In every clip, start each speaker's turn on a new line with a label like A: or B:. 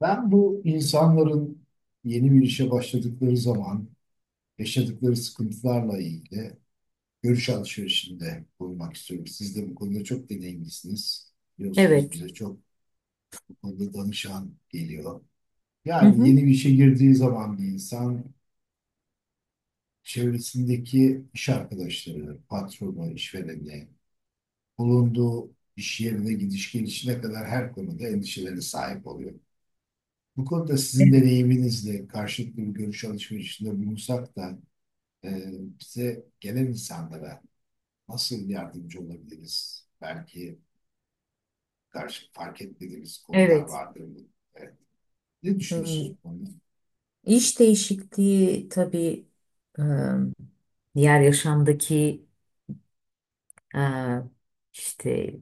A: Ben bu insanların yeni bir işe başladıkları zaman yaşadıkları sıkıntılarla ilgili görüş alışverişinde bulunmak istiyorum. Siz de bu konuda çok deneyimlisiniz. Biliyorsunuz
B: Evet.
A: bize çok bu konuda danışan geliyor.
B: Hı
A: Yani
B: hı.
A: yeni bir işe girdiği zaman bir insan çevresindeki iş arkadaşları, patronu, işvereni, bulunduğu iş yerine gidiş gelişine kadar her konuda endişelere sahip oluyor. Bu konuda sizin
B: Evet.
A: deneyiminizle karşılıklı bir görüş alışverişinde bulunsak da e, bize gelen insanlara nasıl yardımcı olabiliriz? Belki karşı fark etmediğimiz konular
B: Evet.
A: vardır. E, Ne düşünüyorsunuz
B: Hmm,
A: bu konuda?
B: İş değişikliği tabii e, diğer yaşamdaki e, işte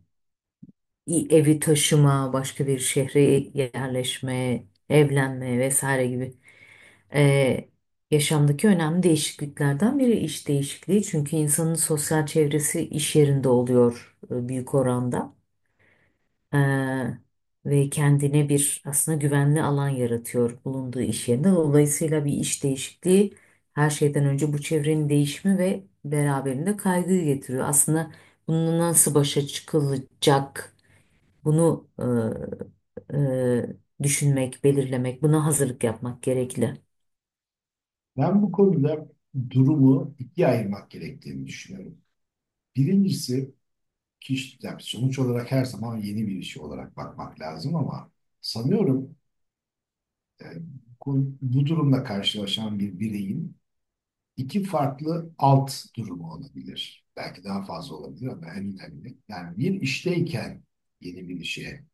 B: evi taşıma, başka bir şehre yerleşme, evlenme vesaire gibi e, yaşamdaki önemli değişikliklerden biri iş değişikliği. Çünkü insanın sosyal çevresi iş yerinde oluyor büyük oranda. Ee, ve kendine bir aslında güvenli alan yaratıyor bulunduğu iş yerinde. Dolayısıyla bir iş değişikliği her şeyden önce bu çevrenin değişimi ve beraberinde kaygıyı getiriyor. Aslında bununla nasıl başa çıkılacak bunu düşünmek, belirlemek, buna hazırlık yapmak gerekli.
A: Ben bu konuda durumu ikiye ayırmak gerektiğini düşünüyorum. Birincisi kişi, yani sonuç olarak her zaman yeni bir iş olarak bakmak lazım ama sanıyorum e, bu durumla karşılaşan bir bireyin iki farklı alt durumu olabilir. Belki daha fazla olabilir ama en önemli. Yani bir işteyken yeni bir işe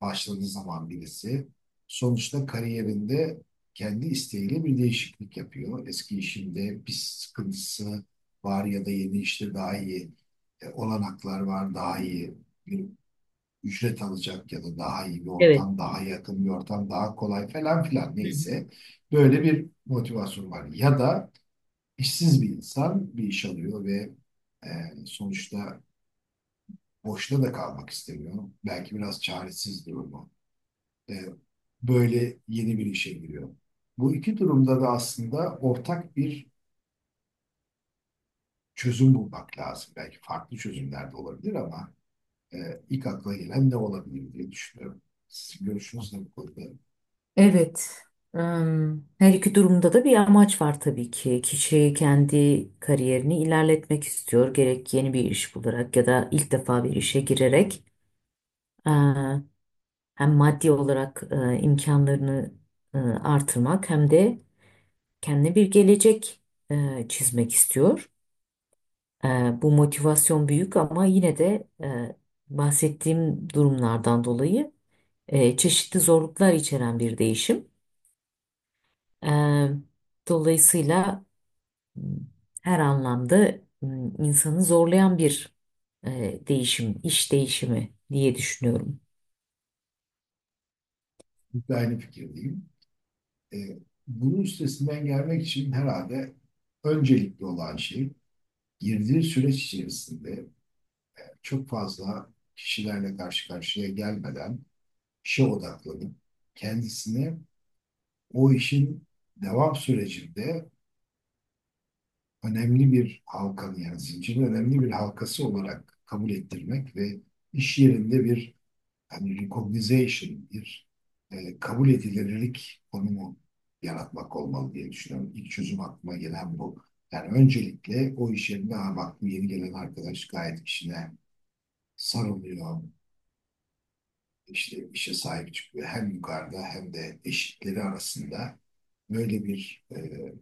A: başladığı zaman birisi sonuçta kariyerinde kendi isteğiyle bir değişiklik yapıyor. Eski işinde bir sıkıntısı var ya da yeni işte daha iyi olanaklar var, daha iyi bir ücret alacak ya da daha iyi bir
B: Evet.
A: ortam, daha yakın bir ortam, daha kolay falan filan
B: Hı.
A: neyse böyle bir motivasyon var. Ya da İşsiz bir insan bir iş alıyor ve e, sonuçta boşta da kalmak istemiyor. Belki biraz çaresiz durumu. E, Böyle yeni bir işe giriyor. Bu iki durumda da aslında ortak bir çözüm bulmak lazım. Belki farklı çözümler de olabilir ama e, ilk akla gelen ne olabilir diye düşünüyorum. Sizin görüşünüzle bu konuda
B: Evet. Her iki durumda da bir amaç var tabii ki. Kişi kendi kariyerini ilerletmek istiyor. Gerek yeni bir iş bularak ya da ilk defa bir işe girerek e, hem maddi olarak imkanlarını artırmak hem de kendine bir gelecek çizmek istiyor. E, Bu motivasyon büyük ama yine de bahsettiğim durumlardan dolayı çeşitli zorluklar içeren bir değişim. E, Dolayısıyla her anlamda insanı zorlayan bir değişim, iş değişimi diye düşünüyorum.
A: bir aynı fikirdeyim. E, Bunun üstesinden gelmek için herhalde öncelikli olan şey girdiği süreç içerisinde çok fazla kişilerle karşı karşıya gelmeden işe odaklanıp kendisini o işin devam sürecinde önemli bir halkanı yani zincirin önemli bir halkası olarak kabul ettirmek ve iş yerinde bir hani recognition, bir kabul edilirlik konumu yaratmak olmalı diye düşünüyorum. İlk çözüm aklıma gelen bu. Yani öncelikle o iş yerinde "Aa bak bu yeni gelen arkadaş gayet işine sarılıyor, işte işe sahip çıkıyor. Hem yukarıda hem de eşitleri arasında böyle bir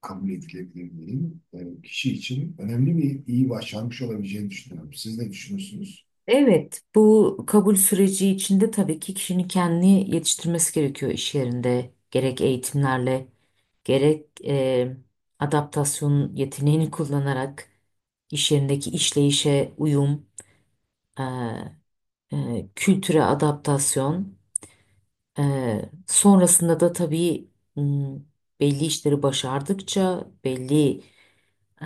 A: kabul edilebilirliğin kişi için önemli bir iyi başarmış olabileceğini düşünüyorum. Siz ne düşünüyorsunuz?
B: Evet, bu kabul süreci içinde tabii ki kişinin kendini yetiştirmesi gerekiyor iş yerinde. Gerek eğitimlerle, gerek adaptasyon yeteneğini kullanarak iş yerindeki işleyişe uyum, e, kültüre adaptasyon. Sonrasında da tabii m, belli işleri başardıkça, belli e,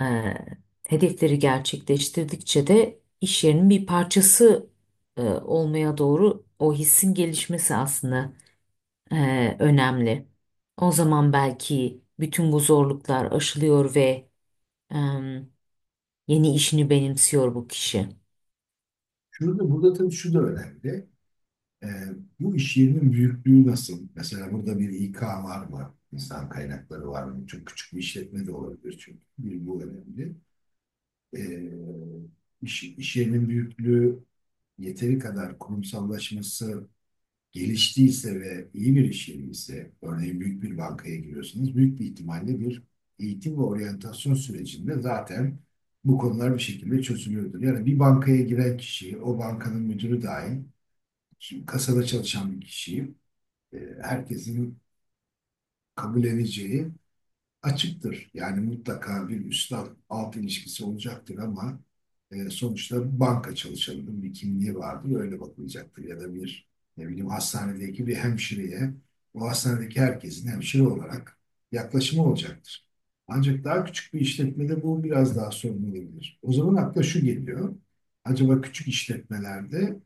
B: hedefleri gerçekleştirdikçe de iş yerinin bir parçası olmaya doğru o hissin gelişmesi aslında önemli. O zaman belki bütün bu zorluklar aşılıyor ve e, yeni işini benimsiyor bu kişi.
A: Şurada burada tabii şu da önemli. E, Bu iş yerinin büyüklüğü nasıl? Mesela burada bir İK var mı? İnsan kaynakları var mı? Çok küçük bir işletme de olabilir çünkü. Bir bu önemli. E, iş, iş yerinin büyüklüğü yeteri kadar kurumsallaşması geliştiyse ve iyi bir iş yeri ise, örneğin büyük bir bankaya giriyorsanız, büyük bir ihtimalle bir eğitim ve oryantasyon sürecinde zaten bu konular bir şekilde çözülüyordur. Yani bir bankaya giren kişi, o bankanın müdürü dahil, şimdi kasada çalışan bir kişi, e, herkesin kabul edeceği açıktır. Yani mutlaka bir üstad-alt ilişkisi olacaktır ama sonuçta banka çalışanının bir kimliği vardır, öyle bakılacaktır. Ya da bir ne bileyim hastanedeki bir hemşireye, o hastanedeki herkesin hemşire olarak yaklaşımı olacaktır. Ancak daha küçük bir işletmede bu biraz daha sorun olabilir. O zaman akla şu geliyor. Acaba küçük işletmelerde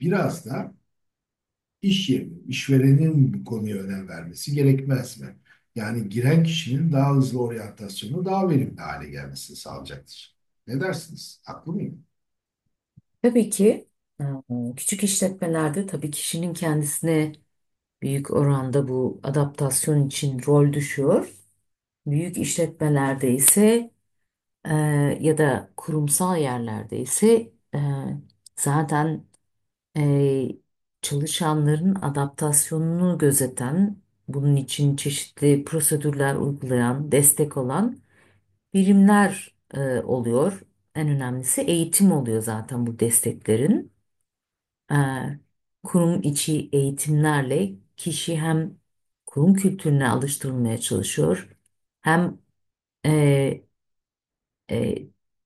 A: biraz da İş yeri, işverenin bu konuya önem vermesi gerekmez mi? Yani giren kişinin daha hızlı oryantasyonu daha verimli hale gelmesini sağlayacaktır. Ne dersiniz? Haklı mıyım?
B: Tabii ki, e, küçük işletmelerde tabii kişinin kendisine büyük oranda bu adaptasyon için rol düşüyor. Büyük işletmelerde ise e, ya da kurumsal yerlerde ise zaten e, çalışanların adaptasyonunu gözeten, bunun için çeşitli prosedürler uygulayan, destek olan birimler oluyor. En önemlisi eğitim oluyor zaten bu desteklerin e, kurum içi eğitimlerle kişi hem kurum kültürüne alıştırılmaya çalışıyor hem e, e,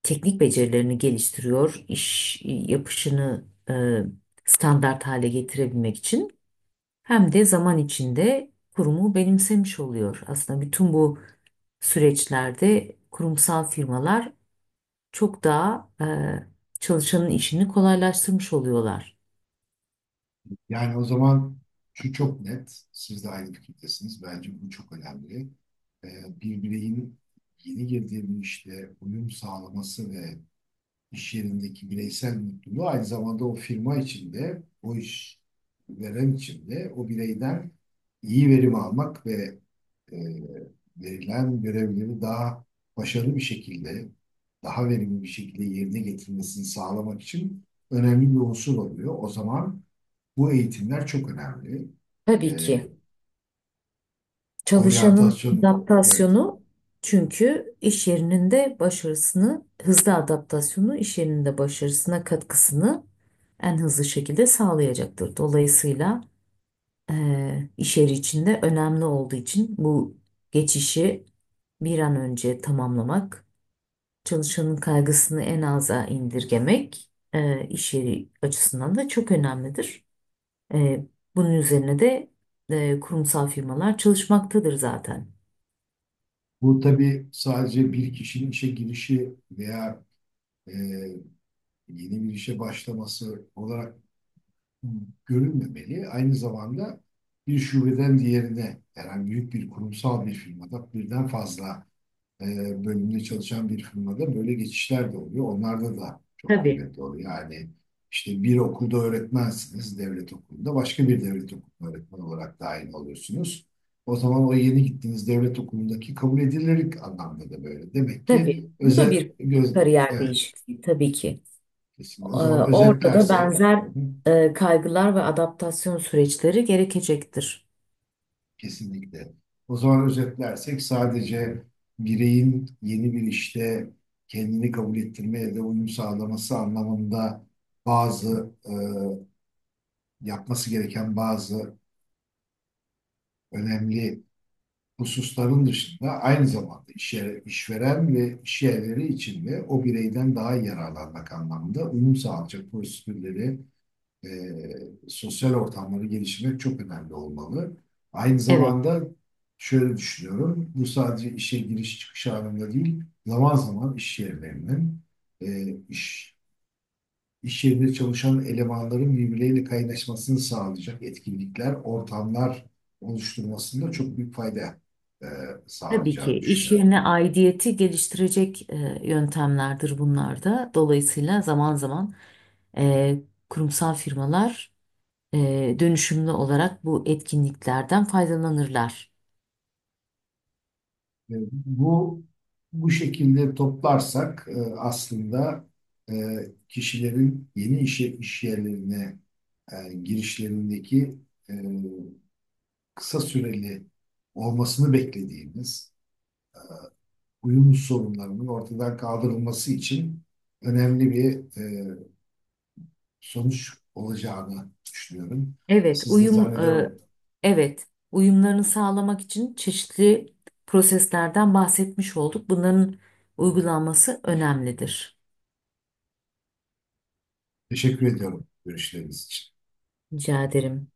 B: teknik becerilerini geliştiriyor, iş yapışını standart hale getirebilmek için hem de zaman içinde kurumu benimsemiş oluyor. Aslında bütün bu süreçlerde kurumsal firmalar çok daha çalışanın işini kolaylaştırmış oluyorlar.
A: Yani o zaman şu çok net, siz de aynı fikirdesiniz. Bence bu çok önemli. Bir bireyin yeni girdiği bir işte uyum sağlaması ve iş yerindeki bireysel mutluluğu aynı zamanda o firma içinde, o iş veren içinde o bireyden iyi verim almak ve e, verilen görevleri daha başarılı bir şekilde, daha verimli bir şekilde yerine getirmesini sağlamak için önemli bir unsur oluyor. O zaman bu eğitimler çok önemli.
B: Tabii
A: E,
B: ki. Çalışanın
A: Oryantasyon, evet.
B: adaptasyonu, çünkü iş yerinin de başarısını, hızlı adaptasyonu iş yerinin de başarısına katkısını en hızlı şekilde sağlayacaktır. Dolayısıyla iş yeri içinde önemli olduğu için bu geçişi bir an önce tamamlamak, çalışanın kaygısını en aza indirgemek iş yeri açısından da çok önemlidir. Eee, bunun üzerine de kurumsal firmalar çalışmaktadır zaten.
A: Bu tabii sadece bir kişinin işe girişi veya e, yeni bir işe başlaması olarak görülmemeli. Aynı zamanda bir şubeden diğerine, yani büyük bir kurumsal bir firmada birden fazla e, bölümünde çalışan bir firmada böyle geçişler de oluyor. Onlarda da çok
B: Tabii.
A: kıymetli oluyor. Yani işte bir okulda öğretmensiniz, devlet okulunda başka bir devlet okulunda öğretmen olarak dahil oluyorsunuz. O zaman o yeni gittiğiniz devlet okulundaki kabul edilirlik anlamda da böyle. Demek ki
B: Tabii bu da
A: özet,
B: bir
A: göz
B: kariyer
A: evet,
B: değişikliği tabii ki.
A: kesinlikle. O
B: Ee,
A: zaman
B: orada da
A: özetlersek
B: benzer
A: hı hı.
B: kaygılar ve adaptasyon süreçleri gerekecektir.
A: Kesinlikle. O zaman özetlersek sadece bireyin yeni bir işte kendini kabul ettirmeye de uyum sağlaması anlamında bazı yapması gereken bazı önemli hususların dışında aynı zamanda iş yeri- işveren ve iş yerleri içinde o bireyden daha yararlanmak anlamında uyum sağlayacak prosedürleri e, sosyal ortamları gelişmek çok önemli olmalı. Aynı
B: Evet,
A: zamanda şöyle düşünüyorum, bu sadece işe giriş çıkış anında değil, zaman zaman iş yerlerinin, e, iş, iş yerinde çalışan elemanların birbirleriyle kaynaşmasını sağlayacak etkinlikler, ortamlar oluşturmasında çok büyük fayda e,
B: tabii ki
A: sağlayacağını
B: iş
A: düşünüyorum.
B: yerine aidiyeti geliştirecek yöntemlerdir bunlar da. Dolayısıyla zaman zaman e, kurumsal firmalar e, dönüşümlü olarak bu etkinliklerden faydalanırlar.
A: E, Bu bu şekilde toplarsak aslında e, kişilerin yeni iş yerlerine girişlerindeki e, kısa süreli olmasını beklediğimiz uyum sorunlarının ortadan kaldırılması için önemli bir sonuç olacağını düşünüyorum.
B: Evet,
A: Siz de zannediyorum.
B: evet, uyumlarını sağlamak için çeşitli proseslerden bahsetmiş olduk. Bunların uygulanması önemlidir.
A: Teşekkür ediyorum görüşleriniz için.
B: Rica ederim.